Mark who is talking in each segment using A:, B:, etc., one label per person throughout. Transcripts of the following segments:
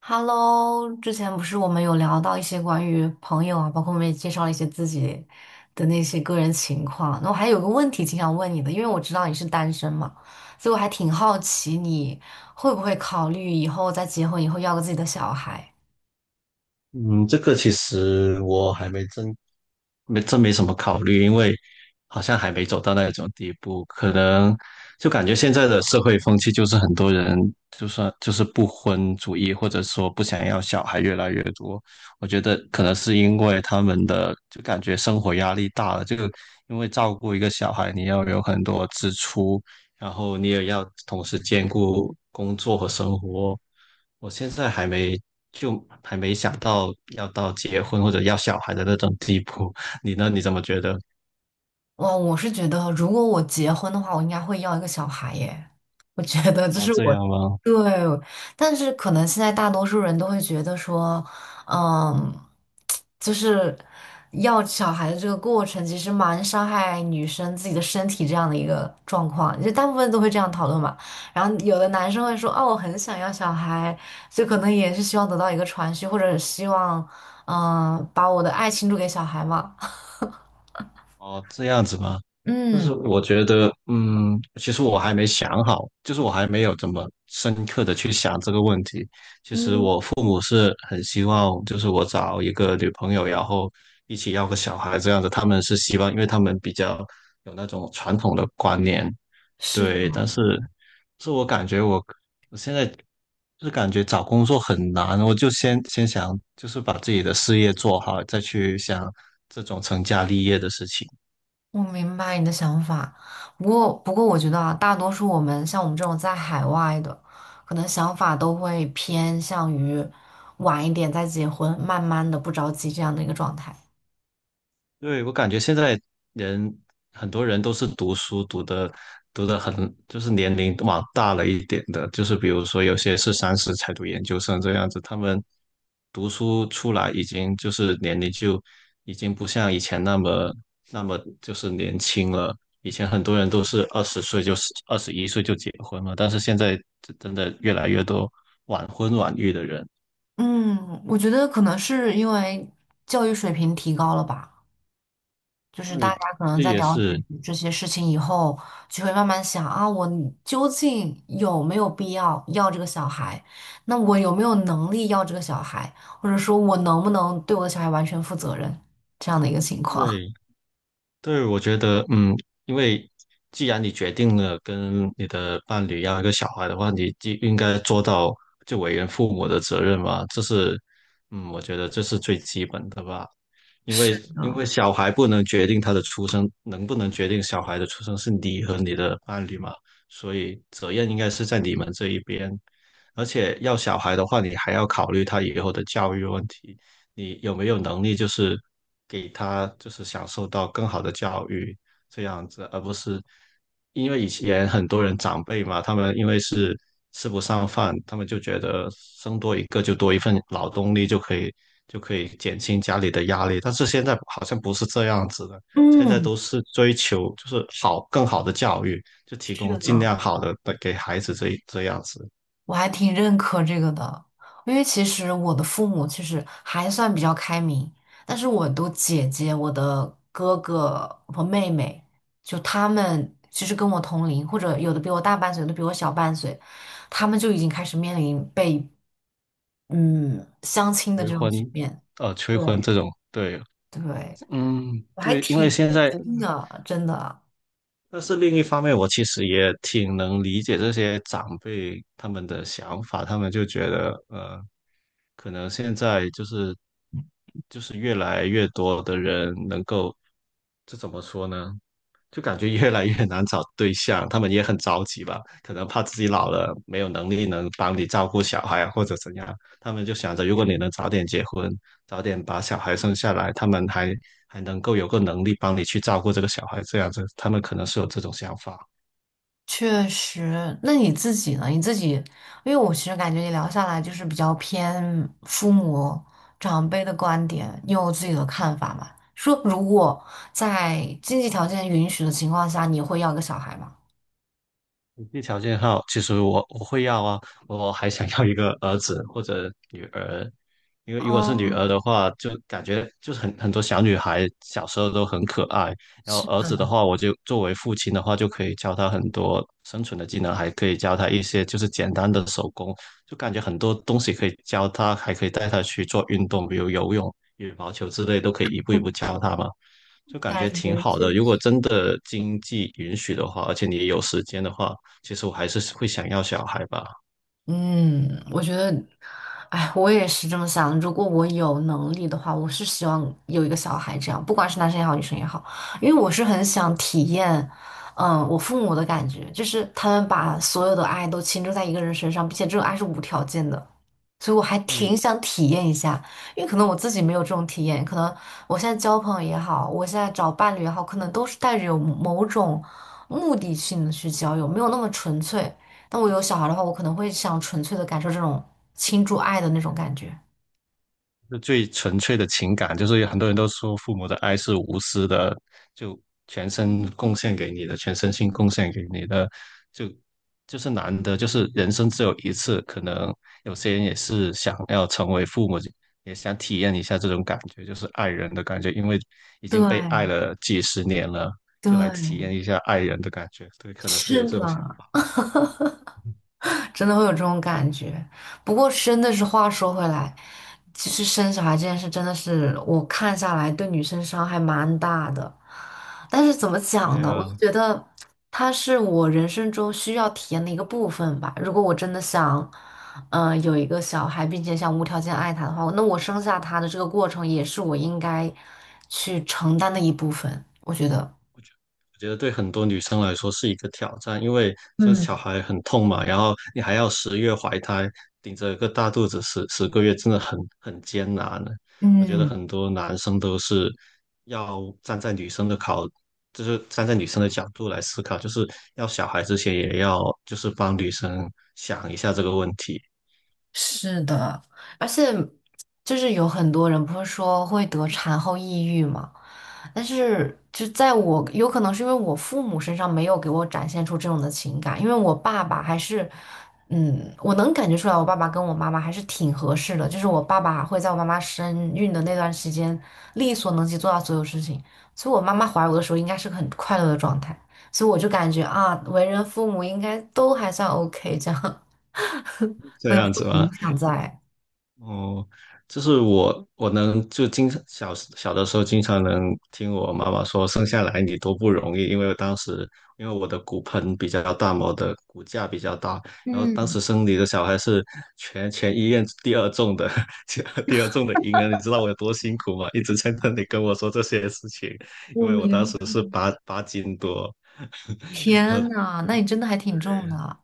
A: Hello，之前不是我们有聊到一些关于朋友啊，包括我们也介绍了一些自己的那些个人情况。那我还有个问题挺想问你的，因为我知道你是单身嘛，所以我还挺好奇你会不会考虑以后在结婚以后要个自己的小孩。
B: 嗯，这个其实我还没什么考虑，因为好像还没走到那种地步，可能就感觉现在的社会风气就是很多人就算就是不婚主义，或者说不想要小孩越来越多。我觉得可能是因为他们的就感觉生活压力大了，这个因为照顾一个小孩，你要有很多支出，然后你也要同时兼顾工作和生活。我现在还没想到要到结婚或者要小孩的那种地步，你呢？你怎么觉得？
A: 哇，我是觉得，如果我结婚的话，我应该会要一个小孩耶。我觉得这
B: 哦，
A: 是
B: 这
A: 我
B: 样吗？
A: 对，但是可能现在大多数人都会觉得说，嗯，就是要小孩的这个过程其实蛮伤害女生自己的身体这样的一个状况，就大部分都会这样讨论嘛。然后有的男生会说，哦，我很想要小孩，就可能也是希望得到一个传续，或者希望，嗯，把我的爱倾注给小孩嘛。
B: 哦，这样子吗？但是
A: 嗯。
B: 我觉得，其实我还没想好，就是我还没有怎么深刻的去想这个问题。其实
A: 嗯，
B: 我父母是很希望，就是我找一个女朋友，然后一起要个小孩这样子。他们是希望，因为他们比较有那种传统的观念，对。
A: 是
B: 但是，是我感觉我现在就是感觉找工作很难，我就先想，就是把自己的事业做好，再去想这种成家立业的事情。
A: 我明白你的想法，不过我觉得啊，大多数我们像我们这种在海外的，可能想法都会偏向于晚一点再结婚，慢慢的不着急这样的一个状态。
B: 对，我感觉现在人很多人都是读书读的很，就是年龄往大了一点的，就是比如说有些是30才读研究生这样子，他们读书出来已经就是年龄就已经不像以前那么就是年轻了。以前很多人都是20岁就是21岁就结婚了，但是现在真的越来越多晚婚晚育的人，
A: 嗯，我觉得可能是因为教育水平提高了吧。就是大
B: 对，
A: 家可能
B: 这
A: 在
B: 也
A: 了
B: 是
A: 解这些事情以后，就会慢慢想啊，我究竟有没有必要要这个小孩？那我有没有能力要这个小孩？或者说我能不能对我的小孩完全负责任？这样的一个情况。
B: 对。对，我觉得，因为既然你决定了跟你的伴侣要一个小孩的话，你就应该做到就为人父母的责任嘛，这是，我觉得这是最基本的吧。因
A: 是
B: 为因为
A: 的，
B: 小孩不能决定他的出生，能不能决定小孩的出生是你和你的伴侣嘛，所以责任应该是在你们这一边。而且要小孩的话，你还要考虑他以后的教育问题，你有没有能力就是给他就是享受到更好的教育这样子，而不是因为以前很多人长辈嘛，他们因为是吃不上饭，他们就觉得生多一个就多一份劳动力就可以减轻家里的压力，但是现在好像不是这样子的，现在
A: 嗯，
B: 都是追求就是更好的教育，就提
A: 是
B: 供尽
A: 的。
B: 量好的给孩子这样子，
A: 我还挺认可这个的，因为其实我的父母其实还算比较开明，但是我的姐姐、我的哥哥和妹妹，就他们其实跟我同龄，或者有的比我大半岁，有的比我小半岁，他们就已经开始面临被嗯相亲的
B: 催
A: 这种局
B: 婚，
A: 面。
B: 催婚
A: 对，
B: 这种，对，
A: 对，
B: 嗯，
A: 我还
B: 对，因为
A: 挺
B: 现
A: 震
B: 在
A: 惊的，真的。
B: 但是另一方面，我其实也挺能理解这些长辈他们的想法，他们就觉得，可能现在就是越来越多的人能够，这怎么说呢？就感觉越来越难找对象，他们也很着急吧，可能怕自己老了没有能力能帮你照顾小孩啊或者怎样，他们就想着如果你能早点结婚，早点把小孩生下来，他们还能够有个能力帮你去照顾这个小孩，这样子，他们可能是有这种想法。
A: 确实，那你自己呢？你自己，因为我其实感觉你聊下来就是比较偏父母长辈的观点，你有自己的看法吗？说如果在经济条件允许的情况下，你会要个小孩吗？
B: 经济条件好，其实我会要啊，我还想要一个儿子或者女儿，因为如果是女儿
A: 哦，
B: 的话，就感觉就是很多小女孩小时候都很可爱，然后
A: 是
B: 儿
A: 的，
B: 子的话，我就作为父亲的话，就可以教他很多生存的技能，还可以教他一些就是简单的手工，就感觉很多东西可以教他，还可以带他去做运动，比如游泳、羽毛球之类，都可以一步一步教他嘛。就感
A: 感
B: 觉挺
A: 觉
B: 好
A: 确
B: 的。如果
A: 实。
B: 真的经济允许的话，而且你有时间的话，其实我还是会想要小孩吧。
A: 嗯，我觉得，哎，我也是这么想。如果我有能力的话，我是希望有一个小孩这样，不管是男生也好，女生也好，因为我是很想体验，嗯，我父母的感觉，就是他们把所有的爱都倾注在一个人身上，并且这种爱是无条件的，所以我还
B: 嗯，
A: 挺想体验一下，因为可能我自己没有这种体验，可能我现在找伴侣也好，可能都是带着有某种目的性的去交友，没有那么纯粹。但我有小孩的话，我可能会想纯粹的感受这种倾注爱的那种感觉。
B: 就最纯粹的情感，就是有很多人都说父母的爱是无私的，就全身贡献给你的，全身心贡献给你的，就就是难得，就是人生只有一次，可能有些人也是想要成为父母，也想体验一下这种感觉，就是爱人的感觉，因为已经被爱
A: 对
B: 了几十年了，就来体验
A: 对，
B: 一下爱人的感觉，对，可能是有
A: 是
B: 这种想
A: 的，
B: 法。
A: 真的会有这种感觉。不过真的是话说回来，其实生小孩这件事真的是我看下来对女生伤害蛮大的。但是怎么讲
B: 对
A: 呢？我就
B: 呀。
A: 觉得它是我人生中需要体验的一个部分吧。如果我真的想，有一个小孩，并且想无条件爱他的话，那我生下他的这个过程也是我应该去承担的一部分。我觉得，
B: 我觉得对很多女生来说是一个挑战，因为生
A: 嗯
B: 小孩很痛嘛，然后你还要十月怀胎，顶着一个大肚子十个月，真的很艰难。我觉得
A: 嗯。
B: 很多男生都是要站在女生的考，就是站在女生的角度来思考，就是要小孩之前也要就是帮女生想一下这个问题，
A: 是的，而且就是有很多人不是说会得产后抑郁嘛，但是就在我可能是因为我父母身上没有给我展现出这种的情感，因为我爸爸还是，嗯，我能感觉出来我爸爸跟我妈妈还是挺合适的，就是我爸爸会在我妈妈身孕的那段时间力所能及做到所有事情，所以我妈妈怀我的时候应该是个很快乐的状态，所以我就感觉啊，为人父母应该都还算 OK 这样，
B: 这样子
A: 有
B: 吗？
A: 影响在。
B: 哦，我能就经常小小的时候经常能听我妈妈说生下来你多不容易，因为当时因为我的骨盆比较大嘛，我的骨架比较大，然后当时生你的小孩是全医院第二重的，第二重的婴儿，你知道我有多辛苦吗？一直在那里跟我说这些事情，因
A: 我
B: 为我当
A: 明
B: 时
A: 白，
B: 是八斤多，然
A: 天
B: 后。
A: 呐，那你真的还挺重的。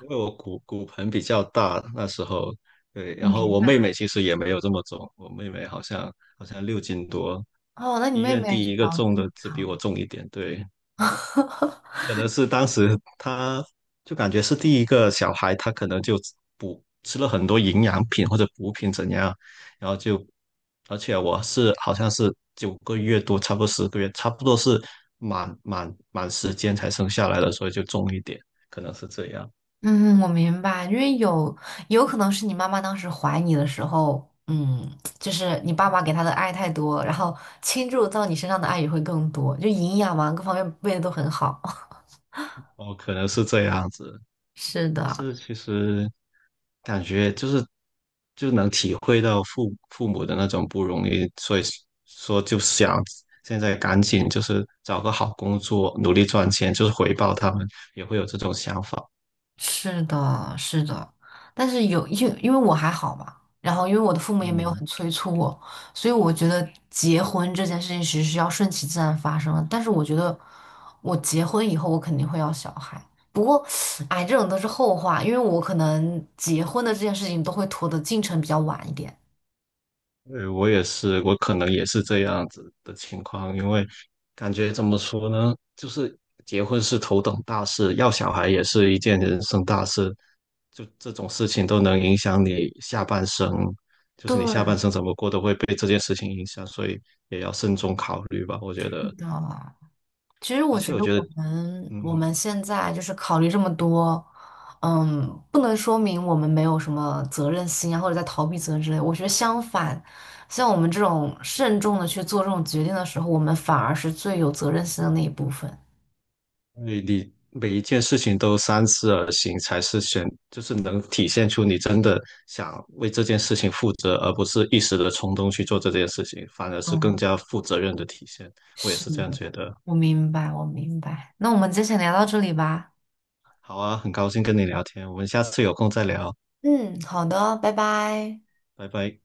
B: 因为我骨盆比较大，那时候对，
A: 我
B: 然后
A: 明
B: 我妹
A: 白。
B: 妹其实也没有这么重，我妹妹好像6斤多，
A: 哦，那你
B: 医
A: 妹
B: 院
A: 妹
B: 第
A: 比
B: 一个
A: 较
B: 重
A: 正
B: 的只比我
A: 常。
B: 重一点，对，可能是当时她就感觉是第一个小孩，她可能就补吃了很多营养品或者补品怎样，然后就，而且我是好像是9个月多，差不多十个月，差不多是满时间才生下来的，所以就重一点，可能是这样。
A: 嗯，我明白，因为有可能是你妈妈当时怀你的时候，嗯，就是你爸爸给她的爱太多，然后倾注到你身上的爱也会更多，就营养嘛，各方面喂的都很好。
B: 哦，可能是这样子，
A: 是
B: 但
A: 的，
B: 是其实感觉就能体会到父母的那种不容易，所以说就想现在赶紧就是找个好工作，努力赚钱，就是回报他们，也会有这种想法。
A: 是的，是的，但是有因为我还好嘛，然后因为我的父母也没有
B: 嗯，
A: 很催促我，所以我觉得结婚这件事情其实是要顺其自然发生的。但是我觉得我结婚以后，我肯定会要小孩。不过，哎，这种都是后话，因为我可能结婚的这件事情都会拖的进程比较晚一点。
B: 对，我也是，我可能也是这样子的情况，因为感觉怎么说呢，就是结婚是头等大事，要小孩也是一件人生大事，就这种事情都能影响你下半生，就是你下
A: 对
B: 半生怎么过都会被这件事情影响，所以也要慎重考虑吧，我觉
A: 是
B: 得。
A: 的，其实我
B: 而
A: 觉
B: 且我
A: 得
B: 觉
A: 我
B: 得，
A: 们我
B: 嗯，
A: 们现在就是考虑这么多，嗯，不能说明我们没有什么责任心啊，或者在逃避责任之类。我觉得相反，像我们这种慎重的去做这种决定的时候，我们反而是最有责任心的那一部分。
B: 你每一件事情都三思而行，才是选，就是能体现出你真的想为这件事情负责，而不是一时的冲动去做这件事情，反而是更
A: 嗯，
B: 加负责任的体现。我也
A: 是
B: 是这样
A: 的，
B: 觉得。
A: 我明白，我明白。那我们今天先聊到这里吧。
B: 好啊，很高兴跟你聊天，我们下次有空再聊，
A: 嗯，好的，拜拜。
B: 拜拜。